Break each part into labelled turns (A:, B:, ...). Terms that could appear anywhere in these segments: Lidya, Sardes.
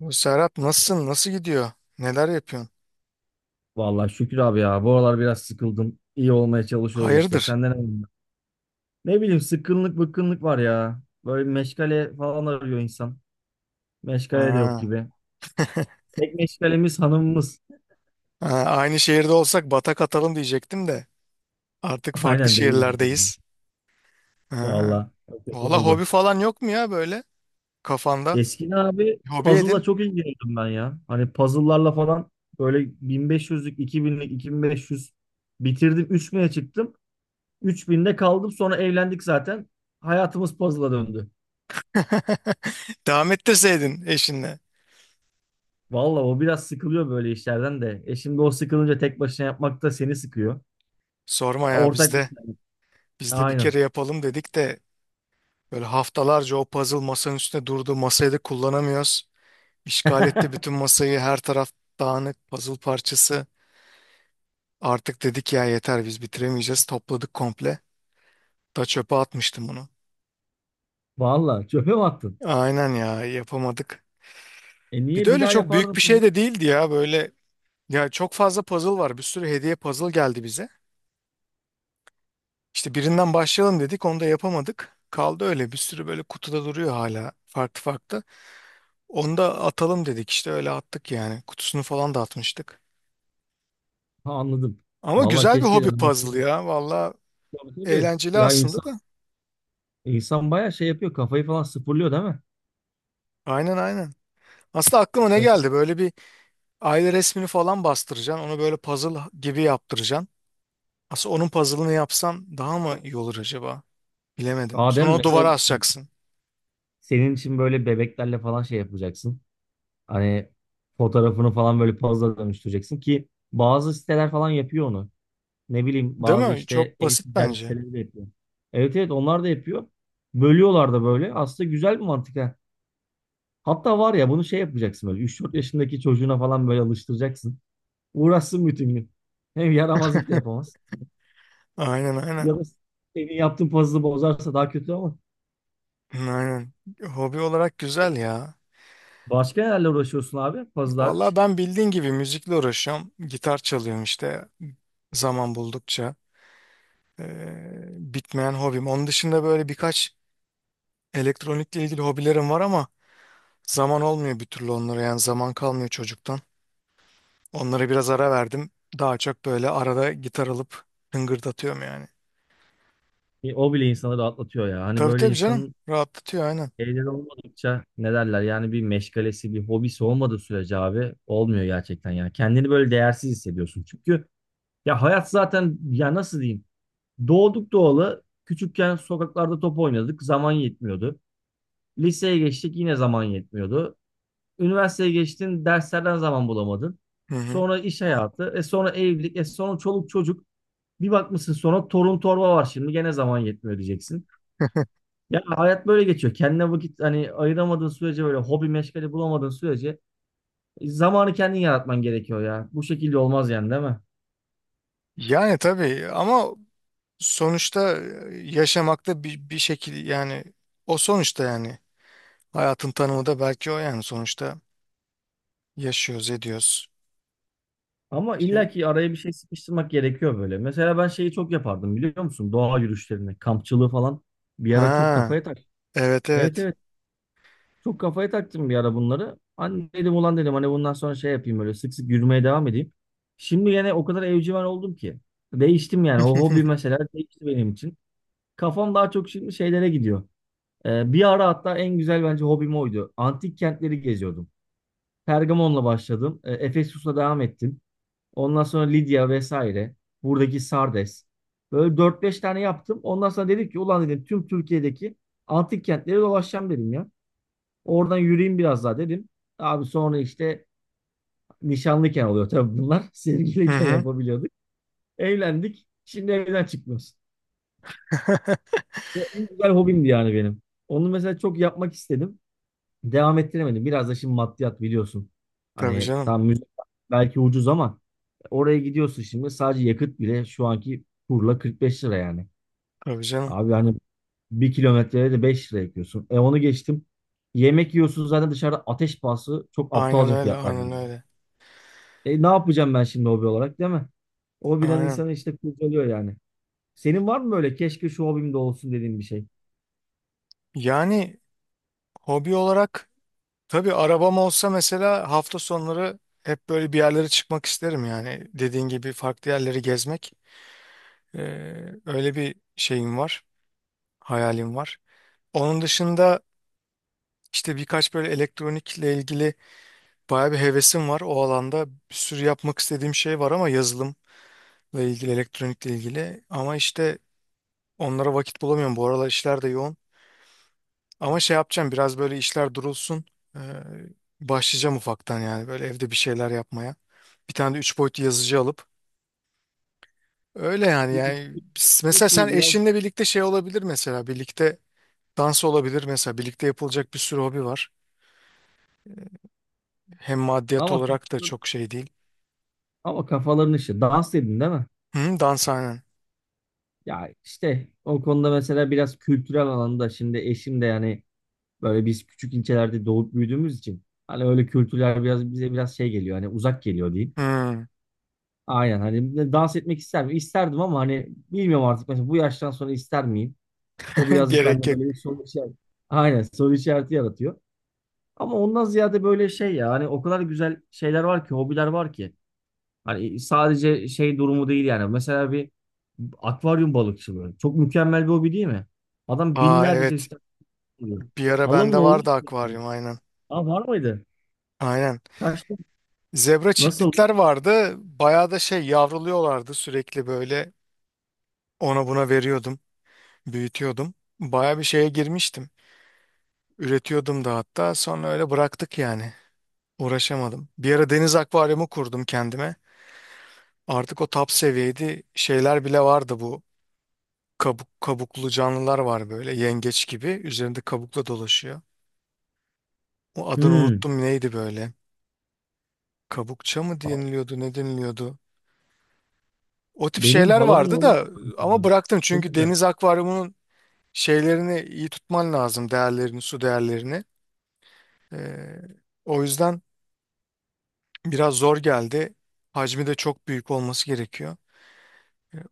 A: Bu Serhat, nasılsın? Nasıl gidiyor? Neler yapıyorsun?
B: Vallahi şükür abi ya. Bu aralar biraz sıkıldım. İyi olmaya çalışıyoruz işte.
A: Hayırdır?
B: Senden ne bileyim. Ne bileyim, sıkkınlık bıkkınlık var ya. Böyle bir meşgale falan arıyor insan. Meşgale de yok
A: Ha.
B: gibi. Tek meşgalemiz hanımımız.
A: Ha, aynı şehirde olsak batak atalım diyecektim de. Artık farklı
B: Aynen, değiliz yani.
A: şehirlerdeyiz. Ha.
B: Vallahi çok kötü
A: Valla, hobi
B: oldu.
A: falan yok mu ya, böyle kafanda?
B: Eskiden abi
A: Hobi
B: puzzle'la
A: edin.
B: çok ilgileniyordum ben ya. Hani puzzle'larla falan böyle 1500'lük, 2000'lik, 2500 bitirdim. 3000'e çıktım. 3000'de kaldım. Sonra evlendik zaten. Hayatımız puzzle'a döndü.
A: Devam ettirseydin eşinle.
B: Valla o biraz sıkılıyor böyle işlerden de. E şimdi o sıkılınca tek başına yapmak da seni sıkıyor.
A: Sorma
B: E
A: ya,
B: ortak.
A: bizde. Bizde bir
B: Aynen.
A: kere yapalım dedik de böyle haftalarca o puzzle masanın üstünde durdu. Masayı da kullanamıyoruz. İşgal etti bütün masayı. Her taraf dağınık puzzle parçası. Artık dedik ya, yeter biz bitiremeyeceğiz. Topladık komple. Da çöpe atmıştım bunu.
B: Valla çöpe mi attın?
A: Aynen ya, yapamadık.
B: E
A: Bir de
B: niye bir
A: öyle
B: daha
A: çok büyük
B: yapardın
A: bir şey
B: sonra?
A: de değildi ya böyle. Ya çok fazla puzzle var. Bir sürü hediye puzzle geldi bize. İşte birinden başlayalım dedik, onu da yapamadık. Kaldı öyle bir sürü böyle kutuda duruyor hala, farklı farklı. Onu da atalım dedik, işte öyle attık yani. Kutusunu falan da atmıştık.
B: Ha, anladım.
A: Ama
B: Valla
A: güzel bir
B: keşke
A: hobi
B: devam
A: puzzle
B: etseydin.
A: ya. Valla
B: Tabii tabii.
A: eğlenceli
B: Ya
A: aslında
B: insan
A: da.
B: insan bayağı şey yapıyor. Kafayı falan sıfırlıyor, değil mi?
A: Aynen, aynen. Aslında aklıma ne geldi,
B: Mesela
A: böyle bir aile resmini falan bastıracaksın. Onu böyle puzzle gibi yaptıracaksın. Aslında onun puzzle'ını yapsan daha mı iyi olur acaba? Bilemedim. Sonra
B: Adem,
A: onu
B: mesela
A: duvara asacaksın.
B: senin için böyle bebeklerle falan şey yapacaksın. Hani fotoğrafını falan böyle puzzle'a dönüştüreceksin ki bazı siteler falan yapıyor onu. Ne bileyim,
A: Değil
B: bazı
A: mi?
B: işte
A: Çok basit
B: e-ticaret
A: bence.
B: siteleri de yapıyor. Evet evet, onlar da yapıyor. Bölüyorlar da böyle. Aslında güzel bir mantık ha. Hatta var ya, bunu şey yapacaksın böyle, üç dört yaşındaki çocuğuna falan böyle alıştıracaksın. Uğraşsın bütün gün. Hem yaramazlık da yapamaz.
A: Aynen, aynen.
B: Ya da senin yaptığın puzzle'ı bozarsa daha kötü ama.
A: Aynen. Hobi olarak güzel ya.
B: Başka nelerle uğraşıyorsun abi? Puzzle.
A: Vallahi ben, bildiğin gibi, müzikle uğraşıyorum. Gitar çalıyorum işte, zaman buldukça. Ee, bitmeyen hobim. Onun dışında böyle birkaç elektronikle ilgili hobilerim var ama zaman olmuyor bir türlü onlara. Yani zaman kalmıyor çocuktan. Onlara biraz ara verdim. Daha çok böyle arada gitar alıp hıngırdatıyorum yani.
B: O bile insanı rahatlatıyor ya. Hani
A: Tabii
B: böyle
A: tabii canım.
B: insanın
A: Rahatlatıyor, aynen.
B: şeyler olmadıkça, ne derler, yani bir meşgalesi bir hobisi olmadığı sürece abi olmuyor gerçekten yani, kendini böyle değersiz hissediyorsun çünkü ya hayat zaten, ya nasıl diyeyim, doğduk doğalı küçükken sokaklarda top oynadık, zaman yetmiyordu, liseye geçtik yine zaman yetmiyordu, üniversiteye geçtin derslerden zaman bulamadın,
A: Hı hı.
B: sonra iş hayatı, e sonra evlilik, e sonra çoluk çocuk, bir bakmışsın sonra torun torba var, şimdi gene zaman yetmiyor diyeceksin. Ya hayat böyle geçiyor. Kendine vakit hani ayıramadığın sürece, böyle hobi meşgale bulamadığın sürece zamanı kendin yaratman gerekiyor ya. Bu şekilde olmaz yani, değil mi?
A: Yani tabii ama sonuçta yaşamakta bir şekil yani, o sonuçta yani, hayatın tanımı da belki o yani, sonuçta yaşıyoruz, ediyoruz.
B: Ama
A: İşte,
B: illa ki araya bir şey sıkıştırmak gerekiyor böyle. Mesela ben şeyi çok yapardım, biliyor musun? Doğa yürüyüşlerini, kampçılığı falan bir ara çok
A: ha,
B: kafaya tak.
A: evet
B: Evet
A: evet.
B: evet. Çok kafaya taktım bir ara bunları. Hani dedim ulan, dedim hani bundan sonra şey yapayım, böyle sık sık yürümeye devam edeyim. Şimdi yine o kadar evcimen oldum ki. Değiştim yani. O hobi mesela değişti benim için. Kafam daha çok şimdi şeylere gidiyor. Bir ara hatta en güzel bence hobim oydu. Antik kentleri geziyordum. Pergamon'la başladım. Efesus'la devam ettim. Ondan sonra Lidya vesaire. Buradaki Sardes. Böyle dört beş tane yaptım. Ondan sonra dedim ki ulan, dedim tüm Türkiye'deki antik kentleri dolaşacağım dedim ya. Oradan yürüyeyim biraz daha dedim. Abi sonra işte nişanlıyken oluyor tabii bunlar.
A: Hı
B: Sevgiliyken
A: hı.
B: yapabiliyorduk. Evlendik. Şimdi evden çıkmıyoruz. O en güzel hobimdi yani benim. Onu mesela çok yapmak istedim. Devam ettiremedim. Biraz da şimdi maddiyat biliyorsun.
A: Tabii
B: Hani
A: canım.
B: tam müze belki ucuz ama oraya gidiyorsun şimdi, sadece yakıt bile şu anki kurla 45 lira yani.
A: Tabii canım.
B: Abi hani bir kilometreye de 5 lira yakıyorsun. E onu geçtim. Yemek yiyorsun zaten dışarıda ateş pahası, çok
A: Aynen
B: aptalca
A: öyle,
B: fiyatlar
A: aynen
B: birbirine.
A: öyle.
B: E ne yapacağım ben şimdi hobi olarak, değil mi? O bilen
A: Aynen.
B: insanı işte kurcalıyor yani. Senin var mı böyle keşke şu hobim de olsun dediğin bir şey?
A: Yani hobi olarak. Tabii, arabam olsa mesela hafta sonları hep böyle bir yerlere çıkmak isterim yani. Dediğin gibi farklı yerleri gezmek. Ee, öyle bir şeyim var, hayalim var. Onun dışında işte birkaç böyle elektronikle ilgili bayağı bir hevesim var. O alanda bir sürü yapmak istediğim şey var, ama yazılımla ilgili, elektronikle ilgili. Ama işte onlara vakit bulamıyorum. Bu aralar işler de yoğun. Ama şey yapacağım, biraz böyle işler durulsun. Ee, başlayacağım ufaktan yani böyle, evde bir şeyler yapmaya. Bir tane de üç boyutlu yazıcı alıp. Öyle
B: Şu üçlü-
A: mesela
B: birisi
A: sen
B: biraz,
A: eşinle birlikte, şey olabilir mesela birlikte dans olabilir, mesela birlikte yapılacak bir sürü hobi var. Hem maddiyat
B: ama
A: olarak da
B: kafaların-
A: çok şey değil.
B: ama kafaların işi. Dans dedin, değil mi?
A: Hı, dans, aynen.
B: Ya işte o konuda mesela biraz kültürel alanda şimdi eşim de yani, böyle biz küçük ilçelerde doğup büyüdüğümüz için hani öyle kültürler biraz bize biraz şey geliyor, hani uzak geliyor diyeyim.
A: Hı,
B: Aynen, hani de dans etmek ister mi, İsterdim ama hani bilmiyorum artık, mesela bu yaştan sonra ister miyim? O birazcık
A: gerek
B: bende
A: yok.
B: böyle bir soru işareti. Aynen, soru işareti yaratıyor. Ama ondan ziyade böyle şey ya, hani o kadar güzel şeyler var ki, hobiler var ki. Hani sadece şey durumu değil yani. Mesela bir akvaryum balıkçılığı. Çok mükemmel bir hobi, değil mi? Adam
A: Aa
B: binlerce
A: evet,
B: çeşit oluyor.
A: bir ara
B: Halamın
A: bende
B: oğlu.
A: vardı akvaryum, aynen.
B: Aa, var mıydı?
A: Aynen.
B: Kaçtı.
A: Zebra
B: Nasıl?
A: çiklitler vardı. Bayağı da şey yavruluyorlardı sürekli, böyle ona buna veriyordum. Büyütüyordum. Baya bir şeye girmiştim. Üretiyordum da hatta, sonra öyle bıraktık yani. Uğraşamadım. Bir ara deniz akvaryumu kurdum kendime. Artık o top seviyeydi. Şeyler bile vardı bu. Kabuklu canlılar var, böyle yengeç gibi. Üzerinde kabukla dolaşıyor. O, adını
B: Hmm.
A: unuttum, neydi böyle? Kabukça mı deniliyordu, ne deniliyordu. O tip
B: Benim
A: şeyler
B: halamın
A: vardı
B: oğlu.
A: da, ama bıraktım
B: Çok
A: çünkü
B: güzel.
A: deniz akvaryumunun şeylerini iyi tutman lazım, değerlerini, su değerlerini. Ee, o yüzden biraz zor geldi. Hacmi de çok büyük olması gerekiyor.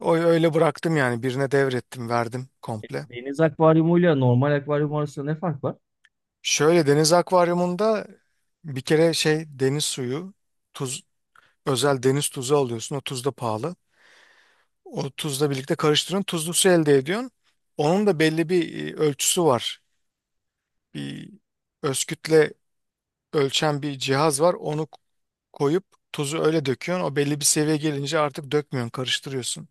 A: O öyle bıraktım yani, birine devrettim, verdim komple.
B: Deniz akvaryumuyla normal akvaryum arasında ne fark var?
A: Şöyle, deniz akvaryumunda bir kere şey, deniz suyu, tuz, özel deniz tuzu alıyorsun. O tuz da pahalı. O tuzla birlikte karıştırıyorsun, tuzlu su elde ediyorsun. Onun da belli bir ölçüsü var. Bir özkütle ölçen bir cihaz var. Onu koyup tuzu öyle döküyorsun. O belli bir seviye gelince artık dökmüyorsun, karıştırıyorsun.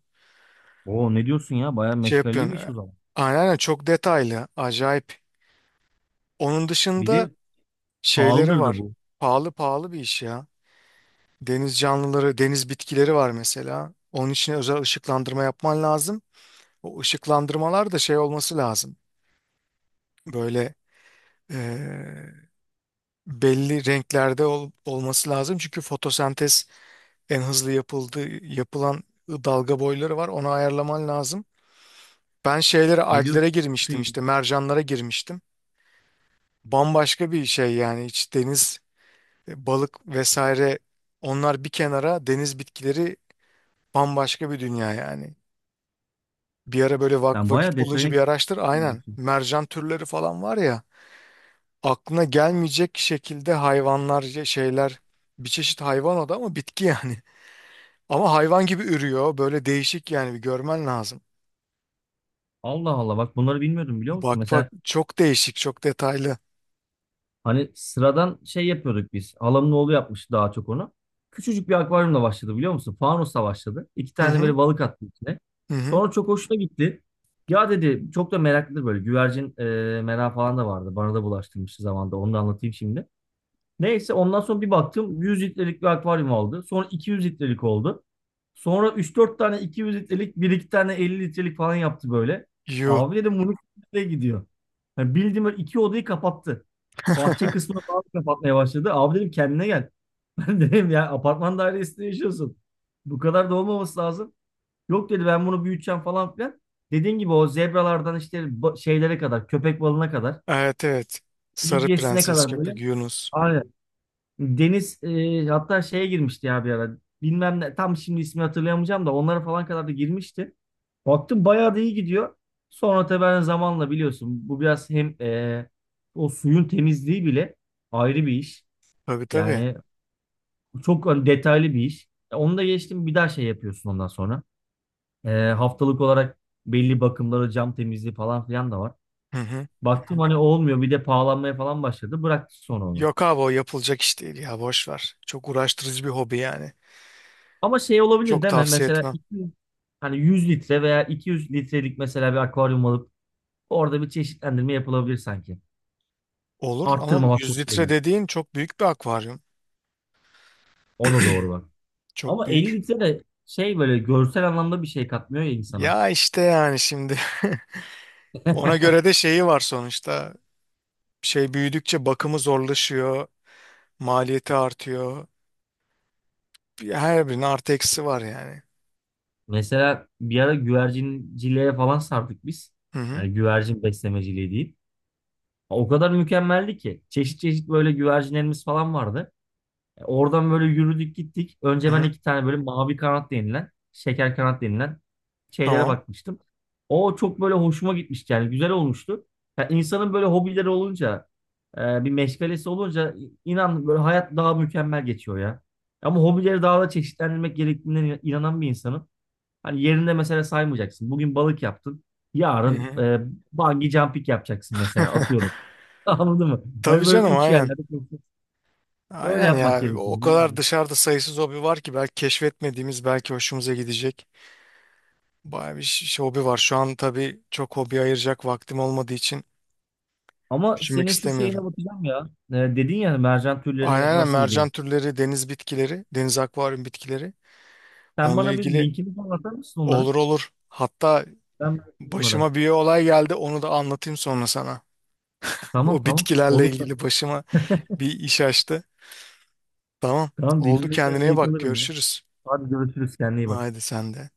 B: Oo ne diyorsun ya? Bayağı
A: Şey
B: meşgaleli
A: yapıyorsun.
B: bir iş o zaman.
A: Aynen aynen, çok detaylı. Acayip. Onun
B: Bir
A: dışında
B: de
A: şeyleri
B: pahalıdır da
A: var.
B: bu.
A: Pahalı, pahalı bir iş ya. Deniz canlıları, deniz bitkileri var mesela. Onun için özel ışıklandırma yapman lazım. O ışıklandırmalar da şey olması lazım. Böyle e, belli renklerde olması lazım. Çünkü fotosentez en hızlı yapılan dalga boyları var. Onu ayarlaman lazım. Ben şeylere,
B: Ne diyorsun
A: alglere girmiştim,
B: ya?
A: işte mercanlara girmiştim. Bambaşka bir şey yani, hiç deniz balık vesaire, onlar bir kenara, deniz bitkileri bambaşka bir dünya yani. Bir ara böyle
B: Sen bayağı
A: vakit
B: detayına
A: bulunca bir araştır,
B: giriyorsun o zaman bu
A: aynen,
B: işin.
A: mercan türleri falan var ya, aklına gelmeyecek şekilde hayvanlar şeyler, bir çeşit hayvan o da ama bitki yani. Ama hayvan gibi ürüyor, böyle değişik yani, bir görmen lazım.
B: Allah Allah, bak bunları bilmiyordum, biliyor musun?
A: Bak bak,
B: Mesela
A: çok değişik, çok detaylı.
B: hani sıradan şey yapıyorduk biz. Halamın oğlu yapmış daha çok onu. Küçücük bir akvaryumla başladı, biliyor musun? Fanusla başladı. İki
A: Hı
B: tane
A: hı,
B: böyle balık attı içine.
A: hı hı.
B: Sonra çok hoşuna gitti. Ya dedi, çok da meraklı böyle güvercin merakı falan da vardı. Bana da bulaştırmıştı zamanında. Onu da anlatayım şimdi. Neyse, ondan sonra bir baktım 100 litrelik bir akvaryum aldı. Sonra 200 litrelik oldu. Sonra 3-4 tane 200 litrelik, bir iki tane 50 litrelik falan yaptı böyle.
A: Yuh.
B: Abi dedim, bunu nereye gidiyor? Yani bildiğim böyle iki odayı kapattı. Bahçe kısmını falan kapatmaya başladı. Abi dedim, kendine gel. Ben dedim ya, apartman dairesinde yaşıyorsun. Bu kadar da olmaması lazım. Yok dedi, ben bunu büyüteceğim falan filan. Dediğin gibi o zebralardan işte şeylere kadar, köpek balığına kadar,
A: Evet evet. Sarı
B: midyesine
A: prenses,
B: kadar böyle.
A: köpek Yunus.
B: Aynen. Deniz hatta şeye girmişti ya bir ara. Bilmem ne, tam şimdi ismi hatırlayamayacağım da, onlara falan kadar da girmişti. Baktım bayağı da iyi gidiyor. Sonra tabii ben zamanla biliyorsun bu biraz hem o suyun temizliği bile ayrı bir iş.
A: Tabii tabii.
B: Yani çok hani detaylı bir iş. Onu da geçtim, bir daha şey yapıyorsun ondan sonra. E, haftalık olarak belli bakımları, cam temizliği falan filan da var.
A: Hı hı. Hı
B: Baktım
A: hı.
B: hani olmuyor, bir de pahalanmaya falan başladı. Bıraktı sonra onu.
A: Yok abi, o yapılacak iş değil ya, boş ver. Çok uğraştırıcı bir hobi yani.
B: Ama şey olabilir
A: Çok
B: değil mi?
A: tavsiye etmem.
B: Hani 100 litre veya 200 litrelik mesela bir akvaryum alıp orada bir çeşitlendirme yapılabilir sanki.
A: Olur, ama
B: Arttırmamak
A: 100 litre
B: koşuluyla.
A: dediğin çok büyük bir akvaryum.
B: O da doğru bak.
A: Çok
B: Ama 50
A: büyük.
B: litre de şey böyle görsel anlamda bir şey katmıyor ya insana.
A: Ya işte yani şimdi ona göre de şeyi var sonuçta. Şey büyüdükçe bakımı zorlaşıyor, maliyeti artıyor. Her birinin artı eksi var yani.
B: Mesela bir ara güvercinciliğe falan sardık biz.
A: Hı hı.
B: Yani güvercin beslemeciliği değil. O kadar mükemmeldi ki. Çeşit çeşit böyle güvercinlerimiz falan vardı. E, oradan böyle yürüdük gittik.
A: Hı
B: Önce ben
A: hı.
B: iki tane böyle mavi kanat denilen, şeker kanat denilen şeylere
A: Tamam.
B: bakmıştım. O çok böyle hoşuma gitmişti yani, güzel olmuştu. Ya insanın böyle hobileri olunca, bir meşgalesi olunca inan böyle hayat daha mükemmel geçiyor ya. Ama hobileri daha da çeşitlendirmek gerektiğine inanan bir insanım. Hani yerinde mesela saymayacaksın. Bugün balık yaptın.
A: Hı
B: Yarın
A: hı.
B: bungee jumping yapacaksın mesela, atıyorum. Anladın mı?
A: Tabii
B: Hani böyle
A: canım,
B: uç
A: aynen.
B: yerlerde. Öyle
A: Aynen
B: yapmak
A: ya.
B: gerekiyor,
A: O kadar
B: bilmiyorum.
A: dışarıda sayısız hobi var ki, belki keşfetmediğimiz, belki hoşumuza gidecek. Bayağı bir şey, hobi var. Şu an tabii çok hobi ayıracak vaktim olmadığı için
B: Ama
A: düşünmek
B: senin şu
A: istemiyorum.
B: şeyine bakacağım ya. Dedin ya, mercan
A: Aynen
B: türleri
A: aynen,
B: nasıl diye.
A: mercan türleri, deniz bitkileri, deniz akvaryum bitkileri.
B: Sen
A: Onunla
B: bana bir
A: ilgili
B: linkini falan atar mısın onların?
A: olur, olur. Hatta
B: Ben bakayım onlara.
A: başıma bir olay geldi, onu da anlatayım sonra sana.
B: Tamam
A: O
B: tamam.
A: bitkilerle
B: Olur. Tamam.
A: ilgili başıma bir iş açtı. Tamam,
B: Tamam,
A: oldu,
B: dinlemekten
A: kendine iyi
B: zevk
A: bak,
B: alırım ya.
A: görüşürüz.
B: Hadi görüşürüz. Kendine iyi bak.
A: Haydi sen de.